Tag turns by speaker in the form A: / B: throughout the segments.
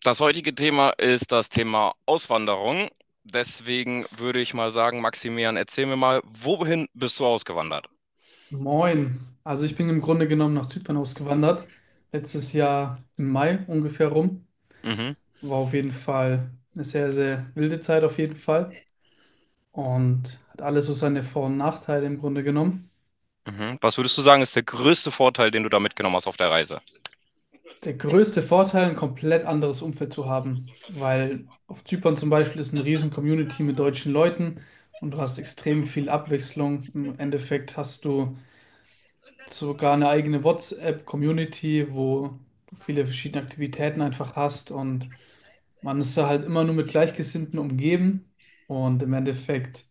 A: Das heutige Thema ist das Thema Auswanderung. Deswegen würde ich mal sagen, Maximilian, erzähl mir mal, wohin bist du ausgewandert?
B: Moin. Also ich bin im Grunde genommen nach Zypern ausgewandert. Letztes Jahr im Mai ungefähr rum.
A: Mhm,
B: War auf jeden Fall eine sehr, sehr wilde Zeit auf jeden Fall. Und hat alles so seine Vor- und Nachteile im Grunde genommen.
A: mhm. Was würdest du sagen, ist der größte Vorteil, den du da mitgenommen hast auf der Reise?
B: Der größte Vorteil, ein komplett anderes Umfeld zu haben. Weil auf Zypern zum Beispiel ist eine riesen Community mit deutschen Leuten und du hast extrem viel Abwechslung. Im Endeffekt hast du sogar eine eigene WhatsApp-Community, wo du viele verschiedene Aktivitäten einfach hast, und man ist da halt immer nur mit Gleichgesinnten umgeben und im Endeffekt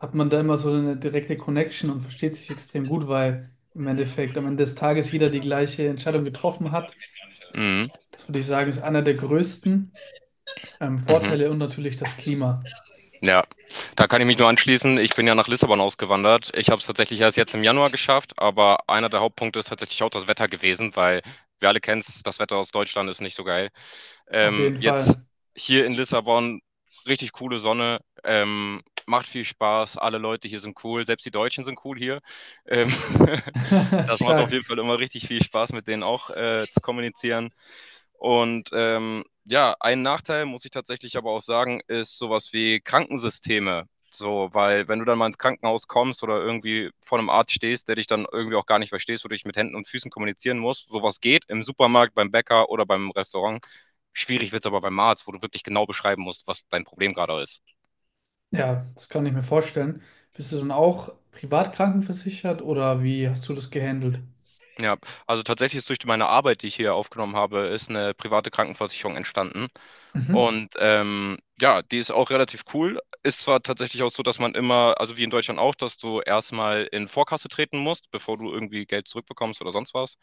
B: hat man da immer so eine direkte Connection und versteht sich extrem gut, weil im Endeffekt am Ende des Tages jeder die gleiche Entscheidung getroffen hat.
A: Mhm,
B: Das würde ich sagen, ist einer der größten
A: mhm.
B: Vorteile und natürlich das Klima.
A: Ja, da kann ich mich nur anschließen. Ich bin ja nach Lissabon ausgewandert. Ich habe es tatsächlich erst jetzt im Januar geschafft, aber einer der Hauptpunkte ist tatsächlich auch das Wetter gewesen, weil wir alle kennen es, das Wetter aus Deutschland ist nicht so geil.
B: Auf
A: Ähm,
B: jeden
A: jetzt
B: Fall.
A: hier in Lissabon, richtig coole Sonne, macht viel Spaß, alle Leute hier sind cool, selbst die Deutschen sind cool hier. Ähm, das macht auf
B: Stark.
A: jeden Fall immer richtig viel Spaß, mit denen auch zu kommunizieren. Und ja, ein Nachteil, muss ich tatsächlich aber auch sagen, ist sowas wie Krankensysteme. So, weil wenn du dann mal ins Krankenhaus kommst oder irgendwie vor einem Arzt stehst, der dich dann irgendwie auch gar nicht verstehst, wo du dich mit Händen und Füßen kommunizieren musst, sowas geht im Supermarkt, beim Bäcker oder beim Restaurant. Schwierig wird es aber beim Arzt, wo du wirklich genau beschreiben musst, was dein Problem gerade ist.
B: Ja, das kann ich mir vorstellen. Bist du dann auch privat krankenversichert oder wie hast du das gehandelt?
A: Ja, also tatsächlich ist durch meine Arbeit, die ich hier aufgenommen habe, ist eine private Krankenversicherung entstanden.
B: Mhm.
A: Und ja, die ist auch relativ cool. Ist zwar tatsächlich auch so, dass man immer, also wie in Deutschland auch, dass du erstmal in Vorkasse treten musst, bevor du irgendwie Geld zurückbekommst oder sonst was.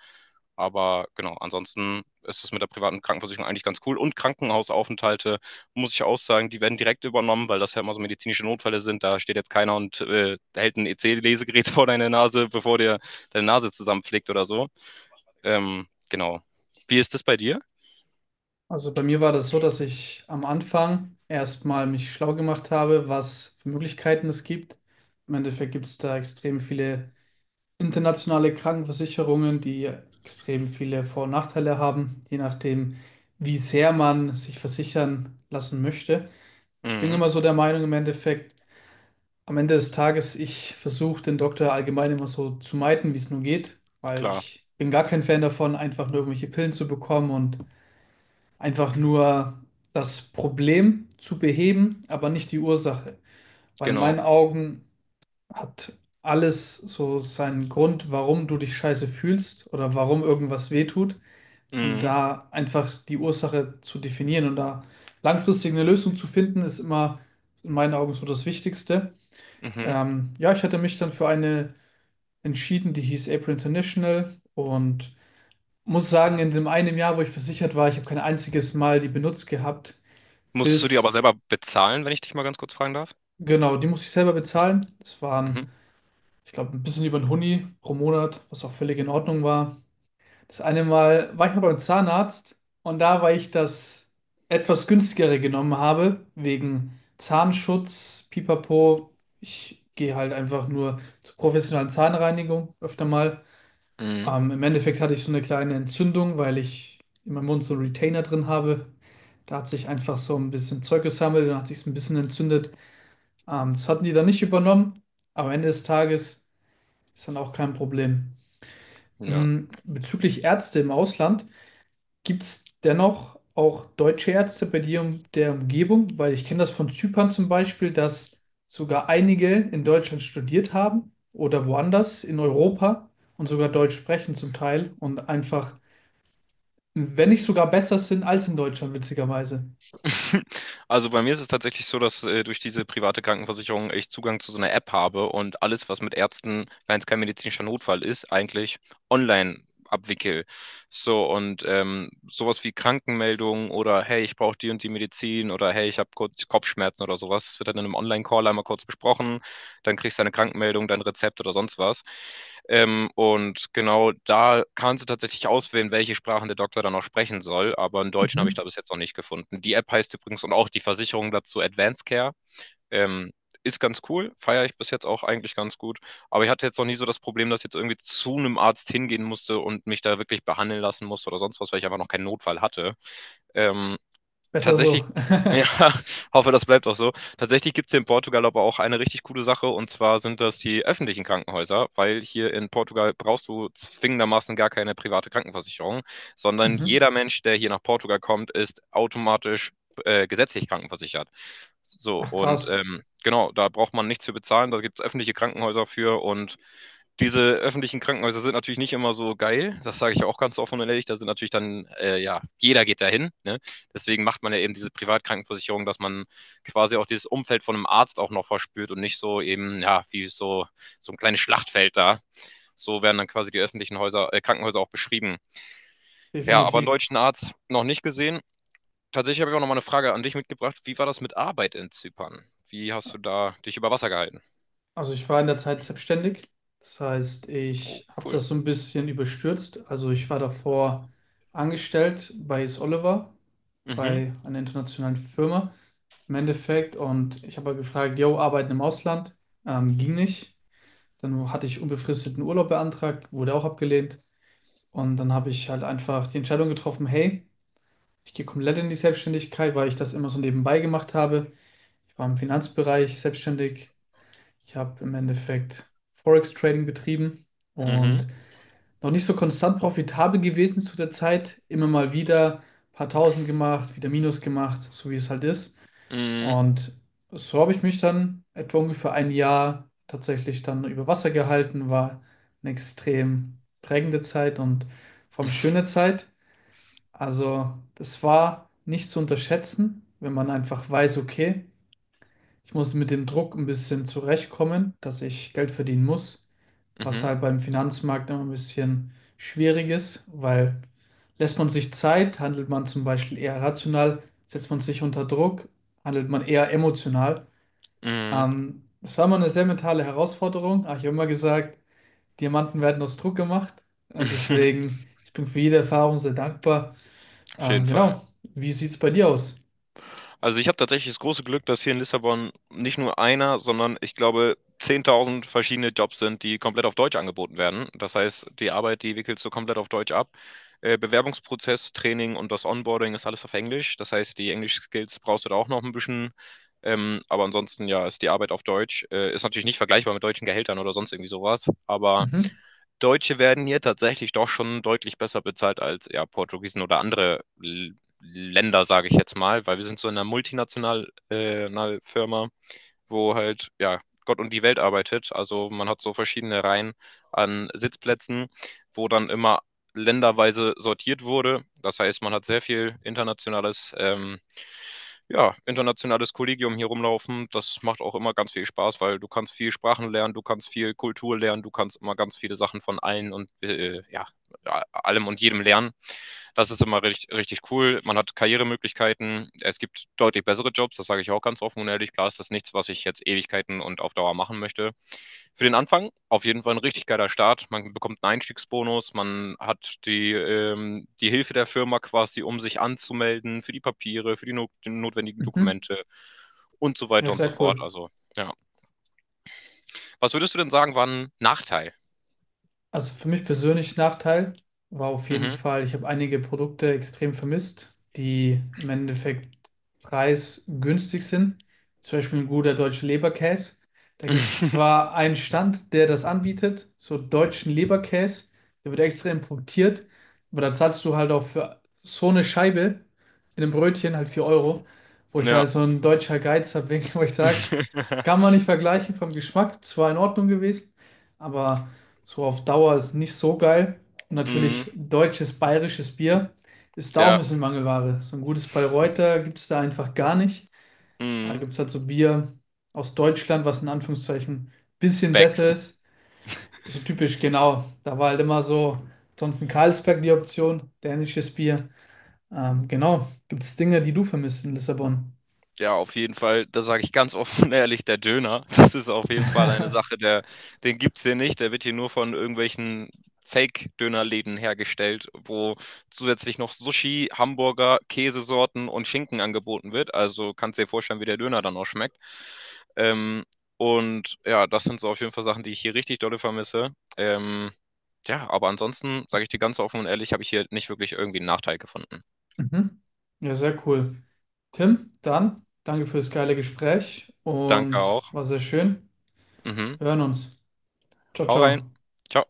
A: Aber genau, ansonsten ist es mit der privaten Krankenversicherung eigentlich ganz cool. Und Krankenhausaufenthalte, muss ich auch sagen, die werden direkt übernommen, weil das ja immer so medizinische Notfälle sind. Da steht jetzt keiner und hält ein EC-Lesegerät vor deine Nase, bevor dir deine Nase zusammenpflegt oder so. Genau. Wie ist das bei dir?
B: Also bei mir war das so, dass ich am Anfang erstmal mich schlau gemacht habe, was für Möglichkeiten es gibt. Im Endeffekt gibt es da extrem viele internationale Krankenversicherungen, die extrem viele Vor- und Nachteile haben, je nachdem, wie sehr man sich versichern lassen möchte. Ich bin
A: Mhm,
B: immer so der Meinung, im Endeffekt, am Ende des Tages, ich versuche den Doktor allgemein immer so zu meiden, wie es nur geht, weil
A: klar,
B: ich bin gar kein Fan davon, einfach nur irgendwelche Pillen zu bekommen und einfach nur das Problem zu beheben, aber nicht die Ursache. Weil in
A: genau.
B: meinen Augen hat alles so seinen Grund, warum du dich scheiße fühlst oder warum irgendwas wehtut. Und
A: Mhm.
B: da einfach die Ursache zu definieren und da langfristig eine Lösung zu finden, ist immer in meinen Augen so das Wichtigste.
A: Mhm.
B: Ja, ich hatte mich dann für eine entschieden, die hieß April International, und muss sagen, in dem einen Jahr, wo ich versichert war, ich habe kein einziges Mal die benutzt gehabt
A: Musstest du die aber
B: bis,
A: selber bezahlen, wenn ich dich mal ganz kurz fragen darf?
B: genau, die musste ich selber bezahlen. Das
A: Mhm.
B: waren, ich glaube, ein bisschen über ein Hunni pro Monat, was auch völlig in Ordnung war. Das eine Mal war ich mal beim Zahnarzt und da, weil ich das etwas günstigere genommen habe, wegen Zahnschutz, Pipapo, ich gehe halt einfach nur zur professionellen Zahnreinigung öfter mal.
A: Mhm.
B: Im Endeffekt hatte ich so eine kleine Entzündung, weil ich in meinem Mund so einen Retainer drin habe. Da hat sich einfach so ein bisschen Zeug gesammelt und hat sich ein bisschen entzündet. Das hatten die dann nicht übernommen, aber am Ende des Tages ist dann auch kein Problem.
A: Ja.
B: Bezüglich Ärzte im Ausland, gibt es dennoch auch deutsche Ärzte bei dir in der Umgebung? Weil ich kenne das von Zypern zum Beispiel, dass sogar einige in Deutschland studiert haben oder woanders in Europa und sogar Deutsch sprechen zum Teil und einfach, wenn nicht sogar besser sind als in Deutschland, witzigerweise.
A: Also bei mir ist es tatsächlich so, dass durch diese private Krankenversicherung ich Zugang zu so einer App habe und alles, was mit Ärzten, wenn es kein medizinischer Notfall ist, eigentlich online abwickel. So und sowas wie Krankenmeldungen oder hey, ich brauche die und die Medizin oder hey, ich habe kurz Kopfschmerzen oder sowas, das wird dann in einem Online-Call einmal kurz besprochen, dann kriegst du eine Krankmeldung, dein Rezept oder sonst was. Und genau, da kannst du tatsächlich auswählen, welche Sprachen der Doktor dann auch sprechen soll, aber einen Deutschen habe ich da
B: Mhm.
A: bis jetzt noch nicht gefunden. Die App heißt übrigens und auch die Versicherung dazu Advanced Care. Ähm, Ist ganz cool, feiere ich bis jetzt auch eigentlich ganz gut. Aber ich hatte jetzt noch nie so das Problem, dass ich jetzt irgendwie zu einem Arzt hingehen musste und mich da wirklich behandeln lassen musste oder sonst was, weil ich einfach noch keinen Notfall hatte. Ähm,
B: Besser
A: Tatsächlich,
B: so.
A: ja, hoffe, das bleibt auch so. Tatsächlich gibt es hier in Portugal aber auch eine richtig coole Sache und zwar sind das die öffentlichen Krankenhäuser, weil hier in Portugal brauchst du zwingendermaßen gar keine private Krankenversicherung, sondern
B: Mhm.
A: jeder Mensch, der hier nach Portugal kommt, ist automatisch gesetzlich krankenversichert. So,
B: Ach
A: und
B: krass,
A: genau, da braucht man nichts für bezahlen, da gibt es öffentliche Krankenhäuser für, und diese öffentlichen Krankenhäuser sind natürlich nicht immer so geil, das sage ich ja auch ganz offen und ehrlich, da sind natürlich dann, ja, jeder geht dahin, ne? Deswegen macht man ja eben diese Privatkrankenversicherung, dass man quasi auch dieses Umfeld von einem Arzt auch noch verspürt und nicht so eben, ja, wie so, so ein kleines Schlachtfeld da. So werden dann quasi die öffentlichen Krankenhäuser auch beschrieben. Ja, aber einen
B: definitiv.
A: deutschen Arzt noch nicht gesehen. Tatsächlich habe ich auch noch mal eine Frage an dich mitgebracht. Wie war das mit Arbeit in Zypern? Wie hast du da dich über Wasser gehalten?
B: Also ich war in der Zeit selbstständig. Das heißt,
A: Oh,
B: ich habe
A: cool.
B: das so ein bisschen überstürzt. Also ich war davor angestellt bei Is Oliver,
A: Mhm,
B: bei einer internationalen Firma im Endeffekt. Und ich habe halt gefragt, yo, arbeiten im Ausland? Ging nicht. Dann hatte ich unbefristeten Urlaub beantragt, wurde auch abgelehnt. Und dann habe ich halt einfach die Entscheidung getroffen, hey, ich gehe komplett in die Selbstständigkeit, weil ich das immer so nebenbei gemacht habe. Ich war im Finanzbereich selbstständig, ich habe im Endeffekt Forex-Trading betrieben
A: mhm,
B: und noch nicht so konstant profitabel gewesen zu der Zeit. Immer mal wieder ein paar Tausend gemacht, wieder Minus gemacht, so wie es halt ist.
A: mhm,
B: Und so habe ich mich dann etwa ungefähr ein Jahr tatsächlich dann über Wasser gehalten. War eine extrem prägende Zeit und vor allem schöne Zeit. Also das war nicht zu unterschätzen, wenn man einfach weiß, okay, ich muss mit dem Druck ein bisschen zurechtkommen, dass ich Geld verdienen muss, was
A: mhm,
B: halt beim Finanzmarkt immer ein bisschen schwierig ist, weil lässt man sich Zeit, handelt man zum Beispiel eher rational, setzt man sich unter Druck, handelt man eher emotional.
A: mhm.
B: Das war mal eine sehr mentale Herausforderung, aber ich habe immer gesagt, Diamanten werden aus Druck gemacht. Deswegen, ich bin für jede Erfahrung sehr dankbar.
A: Auf jeden Fall.
B: Genau. Wie sieht es bei dir aus?
A: Also ich habe tatsächlich das große Glück, dass hier in Lissabon nicht nur einer, sondern ich glaube 10.000 verschiedene Jobs sind, die komplett auf Deutsch angeboten werden. Das heißt, die Arbeit, die wickelst du komplett auf Deutsch ab. Bewerbungsprozess, Training und das Onboarding ist alles auf Englisch. Das heißt, die Englisch-Skills brauchst du da auch noch ein bisschen. Aber ansonsten, ja, ist die Arbeit auf Deutsch. Ist natürlich nicht vergleichbar mit deutschen Gehältern oder sonst irgendwie sowas. Aber
B: Mhm,
A: Deutsche werden hier tatsächlich doch schon deutlich besser bezahlt als ja, Portugiesen oder andere L Länder, sage ich jetzt mal, weil wir sind so in einer multinationalen einer Firma, wo halt ja Gott und die Welt arbeitet. Also man hat so verschiedene Reihen an Sitzplätzen, wo dann immer länderweise sortiert wurde. Das heißt, man hat sehr viel internationales ja, internationales Kollegium hier rumlaufen. Das macht auch immer ganz viel Spaß, weil du kannst viel Sprachen lernen, du kannst viel Kultur lernen, du kannst immer ganz viele Sachen von allen und ja, ja, allem und jedem lernen. Das ist immer richtig, richtig cool. Man hat Karrieremöglichkeiten. Es gibt deutlich bessere Jobs, das sage ich auch ganz offen und ehrlich. Klar ist das nichts, was ich jetzt Ewigkeiten und auf Dauer machen möchte. Für den Anfang auf jeden Fall ein richtig geiler Start. Man bekommt einen Einstiegsbonus, man hat die Hilfe der Firma quasi, um sich anzumelden für die Papiere, für die, no die notwendigen
B: mhm.
A: Dokumente und so
B: Ja,
A: weiter und so
B: sehr
A: fort.
B: cool.
A: Also, ja. Was würdest du denn sagen, war ein Nachteil?
B: Also für mich persönlich Nachteil war auf jeden
A: Mhm.
B: Fall, ich habe einige Produkte extrem vermisst, die im Endeffekt preisgünstig sind. Zum Beispiel ein guter deutscher Leberkäse. Da gibt es zwar einen Stand, der das anbietet, so deutschen Leberkäse, der wird extra importiert, aber da zahlst du halt auch für so eine Scheibe in einem Brötchen halt 4 Euro, wo ich
A: Ja.
B: halt so ein deutscher Geiz habe, wo ich sage, kann man nicht vergleichen vom Geschmack, zwar in Ordnung gewesen, aber. So auf Dauer ist nicht so geil. Und
A: Mm.
B: natürlich deutsches, bayerisches Bier ist da auch
A: Ja,
B: ein bisschen Mangelware. So ein gutes Bayreuther gibt es da einfach gar nicht. Da
A: mhm.
B: gibt es halt so Bier aus Deutschland, was in Anführungszeichen ein bisschen besser
A: Becks.
B: ist. So typisch, genau. Da war halt immer so, sonst in Carlsberg die Option, dänisches Bier. Genau, gibt es Dinge, die du vermisst in Lissabon.
A: Ja, auf jeden Fall, da sage ich ganz offen und ehrlich, der Döner, das ist auf jeden Fall eine Sache, der, den gibt es hier nicht. Der wird hier nur von irgendwelchen Fake-Dönerläden hergestellt, wo zusätzlich noch Sushi, Hamburger, Käsesorten und Schinken angeboten wird. Also kannst dir vorstellen, wie der Döner dann auch schmeckt. Ähm, und ja, das sind so auf jeden Fall Sachen, die ich hier richtig dolle vermisse. Ähm, ja, aber ansonsten, sage ich dir ganz offen und ehrlich, habe ich hier nicht wirklich irgendwie einen Nachteil gefunden.
B: Mhm. Ja, sehr cool. Tim, dann danke für das geile Gespräch
A: Danke
B: und
A: auch.
B: war sehr schön.
A: Mhm.
B: Wir hören uns. Ciao,
A: Hau rein.
B: ciao.
A: Ciao.